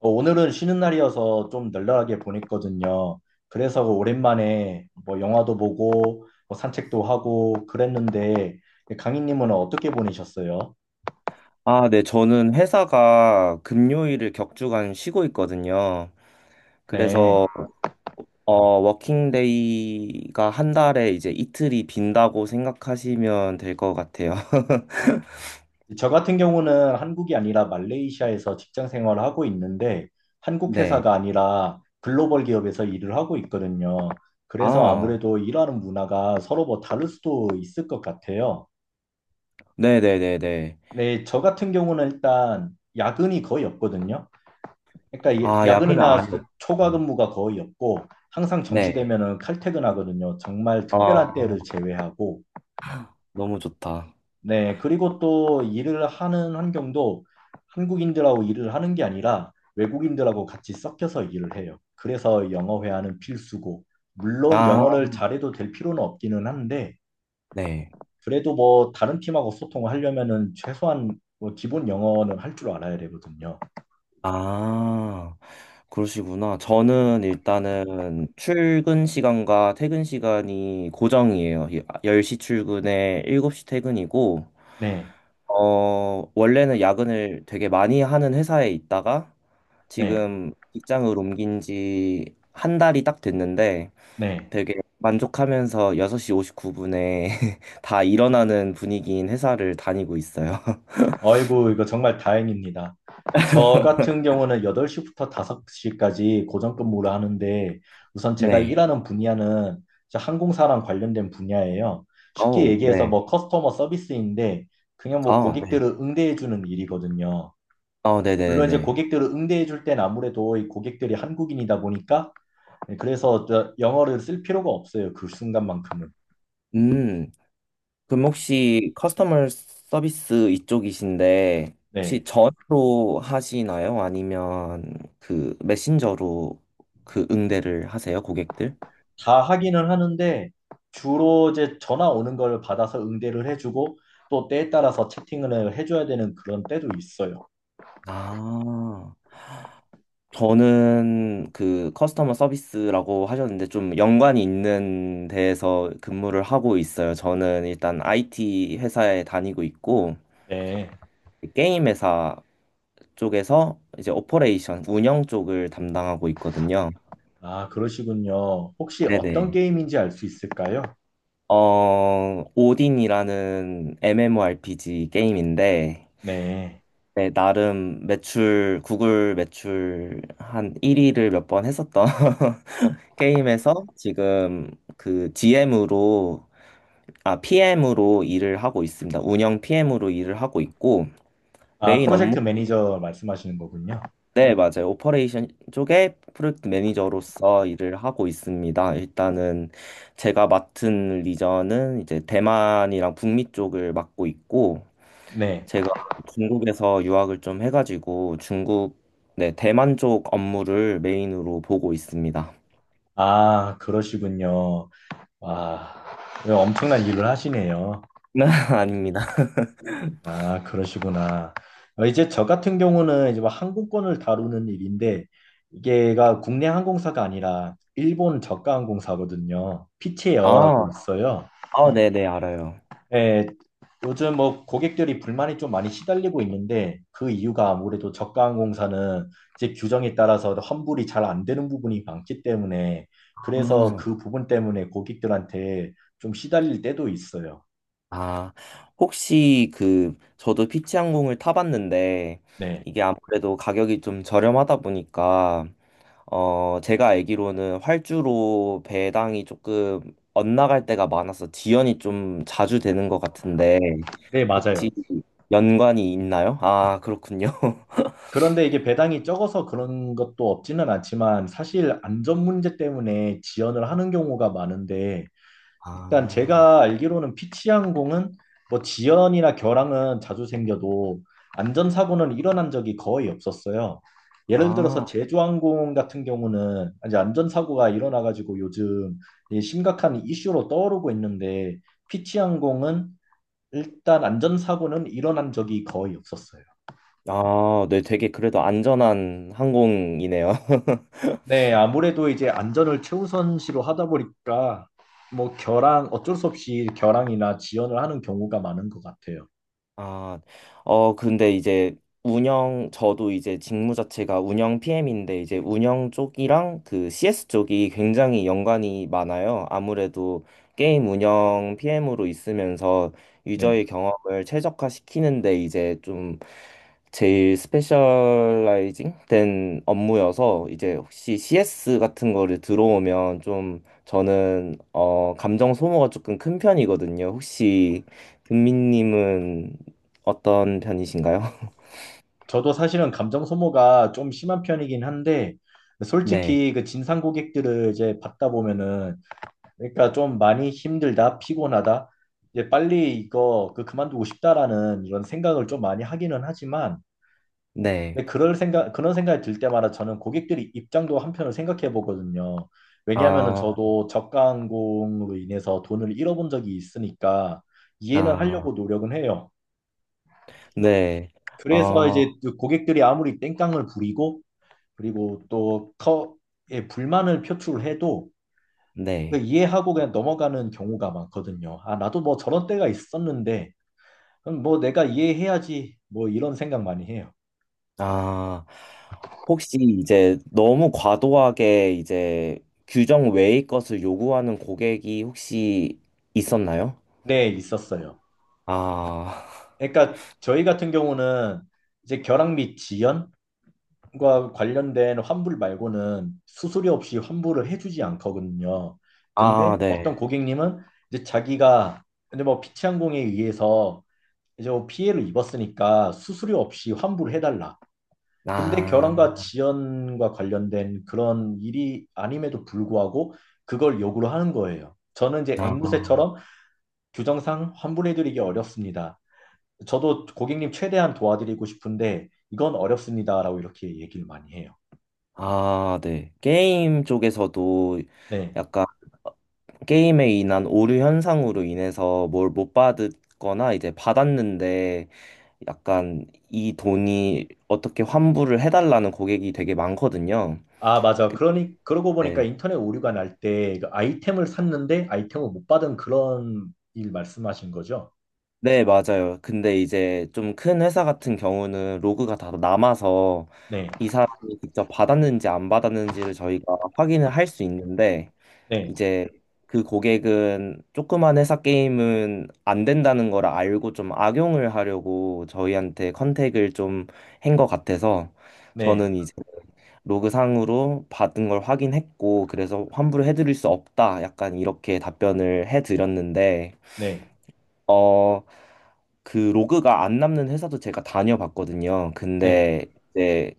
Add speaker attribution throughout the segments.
Speaker 1: 오늘은 쉬는 날이어서 좀 널널하게 보냈거든요. 그래서 오랜만에 뭐 영화도 보고 뭐 산책도 하고 그랬는데 강희님은 어떻게 보내셨어요?
Speaker 2: 아, 네. 저는 회사가 금요일을 격주간 쉬고 있거든요.
Speaker 1: 네.
Speaker 2: 그래서 어, 워킹데이가 한 달에 이제 이틀이 빈다고 생각하시면 될 것 같아요.
Speaker 1: 저 같은 경우는 한국이 아니라 말레이시아에서 직장 생활을 하고 있는데 한국
Speaker 2: 네.
Speaker 1: 회사가 아니라 글로벌 기업에서 일을 하고 있거든요. 그래서
Speaker 2: 아,
Speaker 1: 아무래도 일하는 문화가 서로 뭐 다를 수도 있을 것 같아요.
Speaker 2: 네네네네.
Speaker 1: 네, 저 같은 경우는 일단 야근이 거의 없거든요. 그러니까
Speaker 2: 아, 야근은
Speaker 1: 야근이나
Speaker 2: 아예 없
Speaker 1: 초과 근무가 거의 없고 항상
Speaker 2: 네.
Speaker 1: 정시되면은 칼퇴근하거든요. 정말
Speaker 2: 아,
Speaker 1: 특별한 때를 제외하고.
Speaker 2: 너무 좋다.
Speaker 1: 네, 그리고 또 일을 하는 환경도 한국인들하고 일을 하는 게 아니라 외국인들하고 같이 섞여서 일을 해요. 그래서 영어 회화는 필수고 물론
Speaker 2: 아,
Speaker 1: 영어를 잘해도 될 필요는 없기는 한데
Speaker 2: 네.
Speaker 1: 그래도 뭐 다른 팀하고 소통을 하려면은 최소한 뭐 기본 영어는 할 줄 알아야 되거든요.
Speaker 2: 아, 그러시구나. 저는 일단은 출근 시간과 퇴근 시간이 고정이에요. 10시 출근에 7시 퇴근이고,
Speaker 1: 네,
Speaker 2: 원래는 야근을 되게 많이 하는 회사에 있다가
Speaker 1: 네,
Speaker 2: 지금 직장을 옮긴 지 한 달이 딱 됐는데
Speaker 1: 네.
Speaker 2: 되게 만족하면서 6시 59분에 다 일어나는 분위기인 회사를 다니고 있어요.
Speaker 1: 아이고, 이거 정말 다행입니다. 저 같은 경우는 8시부터 5시까지 고정 근무를 하는데 우선 제가
Speaker 2: 네.
Speaker 1: 일하는 분야는 저 항공사랑 관련된 분야예요. 쉽게
Speaker 2: 어우,
Speaker 1: 얘기해서
Speaker 2: 네.
Speaker 1: 뭐 커스터머 서비스인데 그냥 뭐
Speaker 2: 아, 네.
Speaker 1: 고객들을 응대해주는 일이거든요.
Speaker 2: 어,
Speaker 1: 물론 이제
Speaker 2: 네네네.
Speaker 1: 고객들을 응대해줄 땐 아무래도 이 고객들이 한국인이다 보니까 네, 그래서 저 영어를 쓸 필요가 없어요. 그 순간만큼은.
Speaker 2: 음. 그럼 혹시 커스터머 서비스 이쪽이신데 혹시
Speaker 1: 네.
Speaker 2: 전화로 하시나요? 아니면 그 메신저로 그 응대를 하세요, 고객들?
Speaker 1: 다 하기는 하는데 주로 이제 전화 오는 걸 받아서 응대를 해주고 또 때에 따라서 채팅을 해줘야 되는 그런 때도 있어요.
Speaker 2: 아, 저는 그 커스터머 서비스라고 하셨는데 좀 연관이 있는 데에서 근무를 하고 있어요. 저는 일단 IT 회사에 다니고 있고
Speaker 1: 네.
Speaker 2: 게임 회사 쪽에서 이제 오퍼레이션 운영 쪽을 담당하고 있거든요.
Speaker 1: 아, 그러시군요. 혹시 어떤
Speaker 2: 네네.
Speaker 1: 게임인지 알 수 있을까요?
Speaker 2: 오딘이라는 MMORPG 게임인데,
Speaker 1: 네.
Speaker 2: 네, 나름 매출, 구글 매출 한 1위를 몇 번 했었던 게임에서 지금 그 GM으로, 아, PM으로 일을 하고 있습니다. 운영 PM으로 일을 하고 있고,
Speaker 1: 아,
Speaker 2: 메인 업무
Speaker 1: 프로젝트 매니저 말씀하시는 거군요.
Speaker 2: 네, 맞아요. 오퍼레이션 쪽에 프로젝트 매니저로서 일을 하고 있습니다. 일단은 제가 맡은 리전은 이제 대만이랑 북미 쪽을 맡고 있고,
Speaker 1: 네.
Speaker 2: 제가 중국에서 유학을 좀 해가지고 중국, 네, 대만 쪽 업무를 메인으로 보고 있습니다.
Speaker 1: 아, 그러시군요. 와, 엄청난 일을 하시네요.
Speaker 2: 아닙니다.
Speaker 1: 아, 그러시구나. 이제 저 같은 경우는 이제 뭐 항공권을 다루는 일인데 이게가 국내 항공사가 아니라 일본 저가 항공사거든요. 피치 에어라고
Speaker 2: 아,
Speaker 1: 있어요.
Speaker 2: 아, 네네, 알아요.
Speaker 1: 예, 요즘 뭐 고객들이 불만이 좀 많이 시달리고 있는데 그 이유가 아무래도 저가 항공사는 이제 규정에 따라서 환불이 잘 안 되는 부분이 많기 때문에 그래서
Speaker 2: 아,
Speaker 1: 그 부분 때문에 고객들한테 좀 시달릴 때도 있어요.
Speaker 2: 아, 혹시 그, 저도 피치항공을 타봤는데,
Speaker 1: 네,
Speaker 2: 이게 아무래도 가격이 좀 저렴하다 보니까, 제가 알기로는 활주로 배당이 조금 엇나갈 때가 많아서 지연이 좀 자주 되는 것 같은데,
Speaker 1: 네, 맞아요.
Speaker 2: 혹시 연관이 있나요? 아, 그렇군요.
Speaker 1: 그런데 이게 배당이 적어서 그런 것도 없지는 않지만 사실 안전 문제 때문에 지연을 하는 경우가 많은데 일단
Speaker 2: 아,
Speaker 1: 제가 알기로는 피치항공은 뭐 지연이나 결항은 자주 생겨도 안전사고는 일어난 적이 거의 없었어요. 예를 들어서
Speaker 2: 아,
Speaker 1: 제주항공 같은 경우는 이제 안전사고가 일어나가지고 요즘 이 심각한 이슈로 떠오르고 있는데 피치항공은 일단 안전사고는 일어난 적이 거의 없었어요.
Speaker 2: 아, 네, 되게 그래도 안전한 항공이네요.
Speaker 1: 네, 아무래도 이제 안전을 최우선시로 하다 보니까 뭐 결항 어쩔 수 없이 결항이나 지연을 하는 경우가 많은 것 같아요.
Speaker 2: 아, 근데 이제 운영, 저도 이제 직무 자체가 운영 PM인데 이제 운영 쪽이랑 그 CS 쪽이 굉장히 연관이 많아요. 아무래도 게임 운영 PM으로 있으면서
Speaker 1: 네,
Speaker 2: 유저의 경험을 최적화시키는데 이제 좀 제일 스페셜라이징 된 업무여서 이제 혹시 CS 같은 거를 들어오면 좀 저는 감정 소모가 조금 큰 편이거든요. 혹시 금민님은 어떤 편이신가요?
Speaker 1: 저도 사실은 감정 소모가 좀 심한 편이긴 한데
Speaker 2: 네.
Speaker 1: 솔직히 그 진상 고객들을 이제 받다 보면은 그러니까 좀 많이 힘들다, 피곤하다, 이제 빨리 이거 그 그만두고 싶다라는 이런 생각을 좀 많이 하기는 하지만
Speaker 2: 네.
Speaker 1: 근데 그럴 생각, 그런 생각이 들 때마다 저는 고객들이 입장도 한편으로 생각해 보거든요. 왜냐하면은
Speaker 2: 아,
Speaker 1: 저도 저가 항공으로 인해서 돈을 잃어본 적이 있으니까 이해는
Speaker 2: 아,
Speaker 1: 하려고 노력은 해요.
Speaker 2: 네.
Speaker 1: 그래서
Speaker 2: 아,
Speaker 1: 이제 그 고객들이 아무리 땡깡을 부리고 그리고 또 예, 불만을 표출해도 그
Speaker 2: 네.
Speaker 1: 이해하고 그냥 넘어가는 경우가 많거든요. 아, 나도 뭐 저런 때가 있었는데 그럼 뭐 내가 이해해야지 뭐 이런 생각 많이 해요.
Speaker 2: 아, 혹시 이제 너무 과도하게 이제 규정 외의 것을 요구하는 고객이 혹시 있었나요?
Speaker 1: 네, 있었어요.
Speaker 2: 아,
Speaker 1: 그러니까 저희 같은 경우는 이제 결항 및 지연과 관련된 환불 말고는 수수료 없이 환불을 해주지 않거든요.
Speaker 2: 아,
Speaker 1: 근데
Speaker 2: 네.
Speaker 1: 어떤 고객님은 이제 자기가 이제 뭐 피치항공에 의해서 이제 뭐 피해를 입었으니까 수수료 없이 환불을 해달라. 근데 결항과
Speaker 2: 아,
Speaker 1: 지연과 관련된 그런 일이 아님에도 불구하고 그걸 요구를 하는 거예요. 저는 이제
Speaker 2: 아,
Speaker 1: 앵무새처럼 규정상 환불해드리기 어렵습니다. 저도 고객님 최대한 도와드리고 싶은데 이건 어렵습니다라고 이렇게 얘기를 많이 해요.
Speaker 2: 아, 네. 게임 쪽에서도
Speaker 1: 네.
Speaker 2: 약간 게임에 인한 오류 현상으로 인해서 뭘 못 받았거나 이제 받았는데 약간 이 돈이 어떻게 환불을 해달라는 고객이 되게 많거든요.
Speaker 1: 아, 맞아. 그러니 그러고 보니까
Speaker 2: 네.
Speaker 1: 인터넷 오류가 날때 그 아이템을 샀는데 아이템을 못 받은 그런 일 말씀하신 거죠?
Speaker 2: 네, 맞아요. 근데 이제 좀 큰 회사 같은 경우는 로그가 다 남아서
Speaker 1: 네.
Speaker 2: 이 사람이 직접 받았는지 안 받았는지를 저희가 확인을 할 수 있는데
Speaker 1: 네.
Speaker 2: 이제 그 고객은 조그만 회사 게임은 안 된다는 걸 알고 좀 악용을 하려고 저희한테 컨택을 좀 한 것 같아서
Speaker 1: 네.
Speaker 2: 저는 이제 로그상으로 받은 걸 확인했고, 그래서 환불을 해드릴 수 없다. 약간 이렇게 답변을 해드렸는데,
Speaker 1: 네.
Speaker 2: 어, 그 로그가 안 남는 회사도 제가 다녀봤거든요.
Speaker 1: 네.
Speaker 2: 근데 이제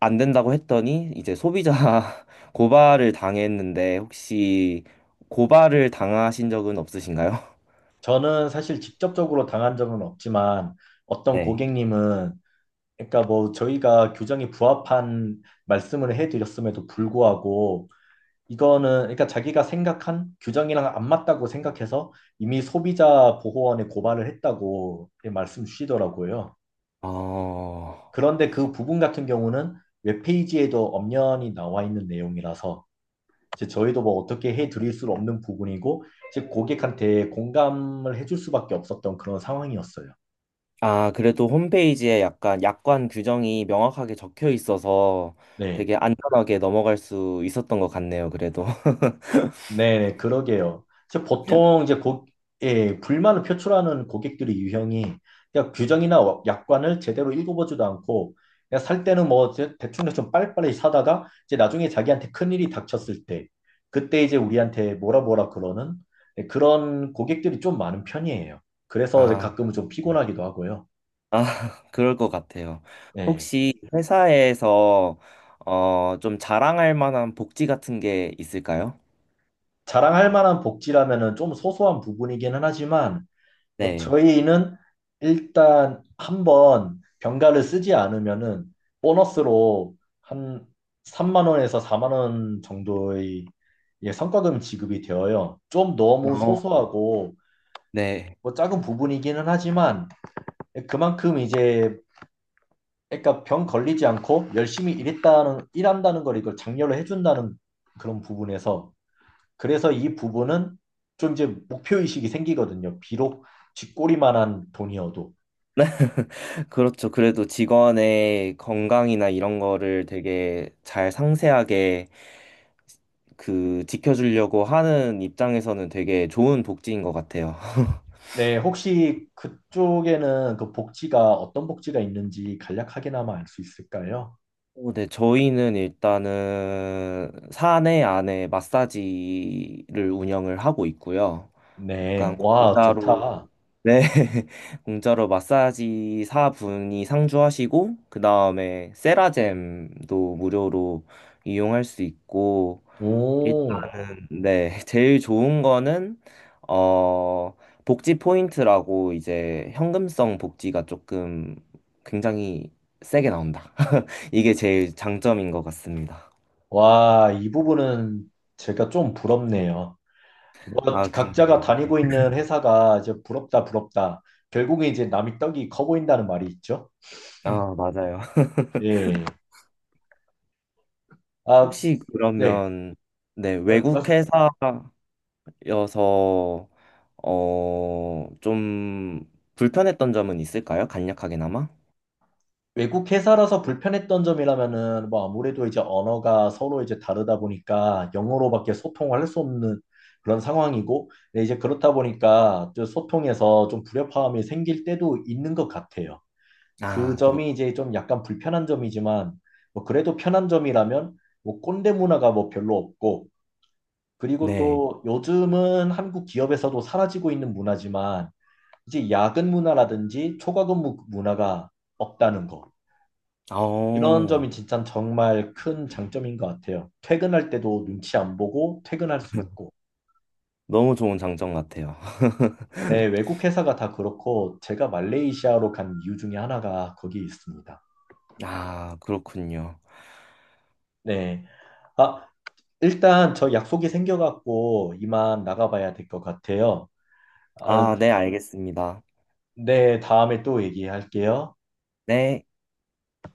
Speaker 2: 안 된다고 했더니 이제 소비자 고발을 당했는데, 혹시 고발을 당하신 적은 없으신가요?
Speaker 1: 저는 사실 직접적으로 당한 적은 없지만 어떤
Speaker 2: 네.
Speaker 1: 고객님은 그러니까 뭐 저희가 규정에 부합한 말씀을 해드렸음에도 불구하고 이거는 그러니까 자기가 생각한 규정이랑 안 맞다고 생각해서 이미 소비자 보호원에 고발을 했다고 말씀 주시더라고요.
Speaker 2: 어,
Speaker 1: 그런데 그 부분 같은 경우는 웹페이지에도 엄연히 나와 있는 내용이라서 이제 저희도 뭐 어떻게 해드릴 수 없는 부분이고 이제 고객한테 공감을 해줄 수밖에 없었던 그런 상황이었어요.
Speaker 2: 아, 그래도 홈페이지에 약간 약관 규정이 명확하게 적혀 있어서
Speaker 1: 네.
Speaker 2: 되게 안전하게 넘어갈 수 있었던 것 같네요, 그래도.
Speaker 1: 네, 그러게요. 이제 보통 이제 예, 불만을 표출하는 고객들의 유형이 그냥 규정이나 약관을 제대로 읽어보지도 않고 그냥 살 때는 뭐 대충 좀 빨리빨리 사다가 이제 나중에 자기한테 큰일이 닥쳤을 때 그때 이제 우리한테 뭐라 뭐라 그러는 예, 그런 고객들이 좀 많은 편이에요.
Speaker 2: 아,
Speaker 1: 그래서 이제
Speaker 2: 아,
Speaker 1: 가끔은 좀 피곤하기도 하고요.
Speaker 2: 그럴 것 같아요.
Speaker 1: 예.
Speaker 2: 혹시 회사에서 좀 자랑할 만한 복지 같은 게 있을까요?
Speaker 1: 자랑할 만한 복지라면은 좀 소소한 부분이기는 하지만
Speaker 2: 네.
Speaker 1: 저희는 일단 한번 병가를 쓰지 않으면은 보너스로 한 3만 원에서 4만 원 정도의 예, 성과금 지급이 되어요. 좀 너무
Speaker 2: 어,
Speaker 1: 소소하고
Speaker 2: 네.
Speaker 1: 뭐 작은 부분이기는 하지만 그만큼 이제 그러니까 병 걸리지 않고 열심히 일했다는 일한다는 걸 이걸 장려를 해준다는 그런 부분에서 그래서 이 부분은 좀 이제 목표 의식이 생기거든요. 비록 쥐꼬리만한 돈이어도.
Speaker 2: 그렇죠. 그래도 직원의 건강이나 이런 거를 되게 잘 상세하게 그 지켜주려고 하는 입장에서는 되게 좋은 복지인 것 같아요.
Speaker 1: 네, 혹시 그쪽에는 그 복지가 어떤 복지가 있는지 간략하게나마 알 수 있을까요?
Speaker 2: 네, 저희는 일단은 사내 안에 마사지를 운영을 하고 있고요.
Speaker 1: 네,
Speaker 2: 약간
Speaker 1: 와,
Speaker 2: 공짜로,
Speaker 1: 좋다.
Speaker 2: 네, 공짜로 마사지 사분이 상주하시고, 그 다음에 세라젬도 무료로 이용할 수 있고,
Speaker 1: 오,
Speaker 2: 일단은, 네, 제일 좋은 거는, 어, 복지 포인트라고 이제 현금성 복지가 조금 굉장히 세게 나온다. 이게 제일 장점인 것 같습니다.
Speaker 1: 와, 이 부분은 제가 좀 부럽네요. 뭐,
Speaker 2: 아, 근데,
Speaker 1: 각자가
Speaker 2: 이게-
Speaker 1: 다니고 있는 회사가 이제 부럽다, 부럽다. 결국에 이제 남이 떡이 커 보인다는 말이 있죠.
Speaker 2: 아, 맞아요.
Speaker 1: 예. 아,
Speaker 2: 혹시
Speaker 1: 네.
Speaker 2: 그러면, 네, 외국
Speaker 1: 말-
Speaker 2: 회사여서, 좀 불편했던 점은 있을까요? 간략하게나마?
Speaker 1: 외국 회사라서 불편했던 점이라면은 뭐 아무래도 이제 언어가 서로 이제 다르다 보니까 영어로밖에 소통을 할 수 없는 그런 상황이고 근데 이제 그렇다 보니까 좀 소통에서 좀 불협화음이 생길 때도 있는 것 같아요. 그
Speaker 2: 아, 그렇,
Speaker 1: 점이 이제 좀 약간 불편한 점이지만 뭐 그래도 편한 점이라면 뭐 꼰대 문화가 뭐 별로 없고 그리고
Speaker 2: 네.
Speaker 1: 또 요즘은 한국 기업에서도 사라지고 있는 문화지만 이제 야근 문화라든지 초과근무 문화가 없다는 거. 이런
Speaker 2: 어,
Speaker 1: 점이 진짜 정말 큰 장점인 것 같아요. 퇴근할 때도 눈치 안 보고 퇴근할 수 있고.
Speaker 2: 너무 좋은 장점 같아요.
Speaker 1: 네, 외국 회사가 다 그렇고 제가 말레이시아로 간 이유 중에 하나가 거기에 있습니다.
Speaker 2: 아, 그렇군요.
Speaker 1: 네. 아, 일단 저 약속이 생겨갖고 이만 나가봐야 될 것 같아요. 아,
Speaker 2: 아, 네, 알겠습니다.
Speaker 1: 네, 다음에 또 얘기할게요.
Speaker 2: 네.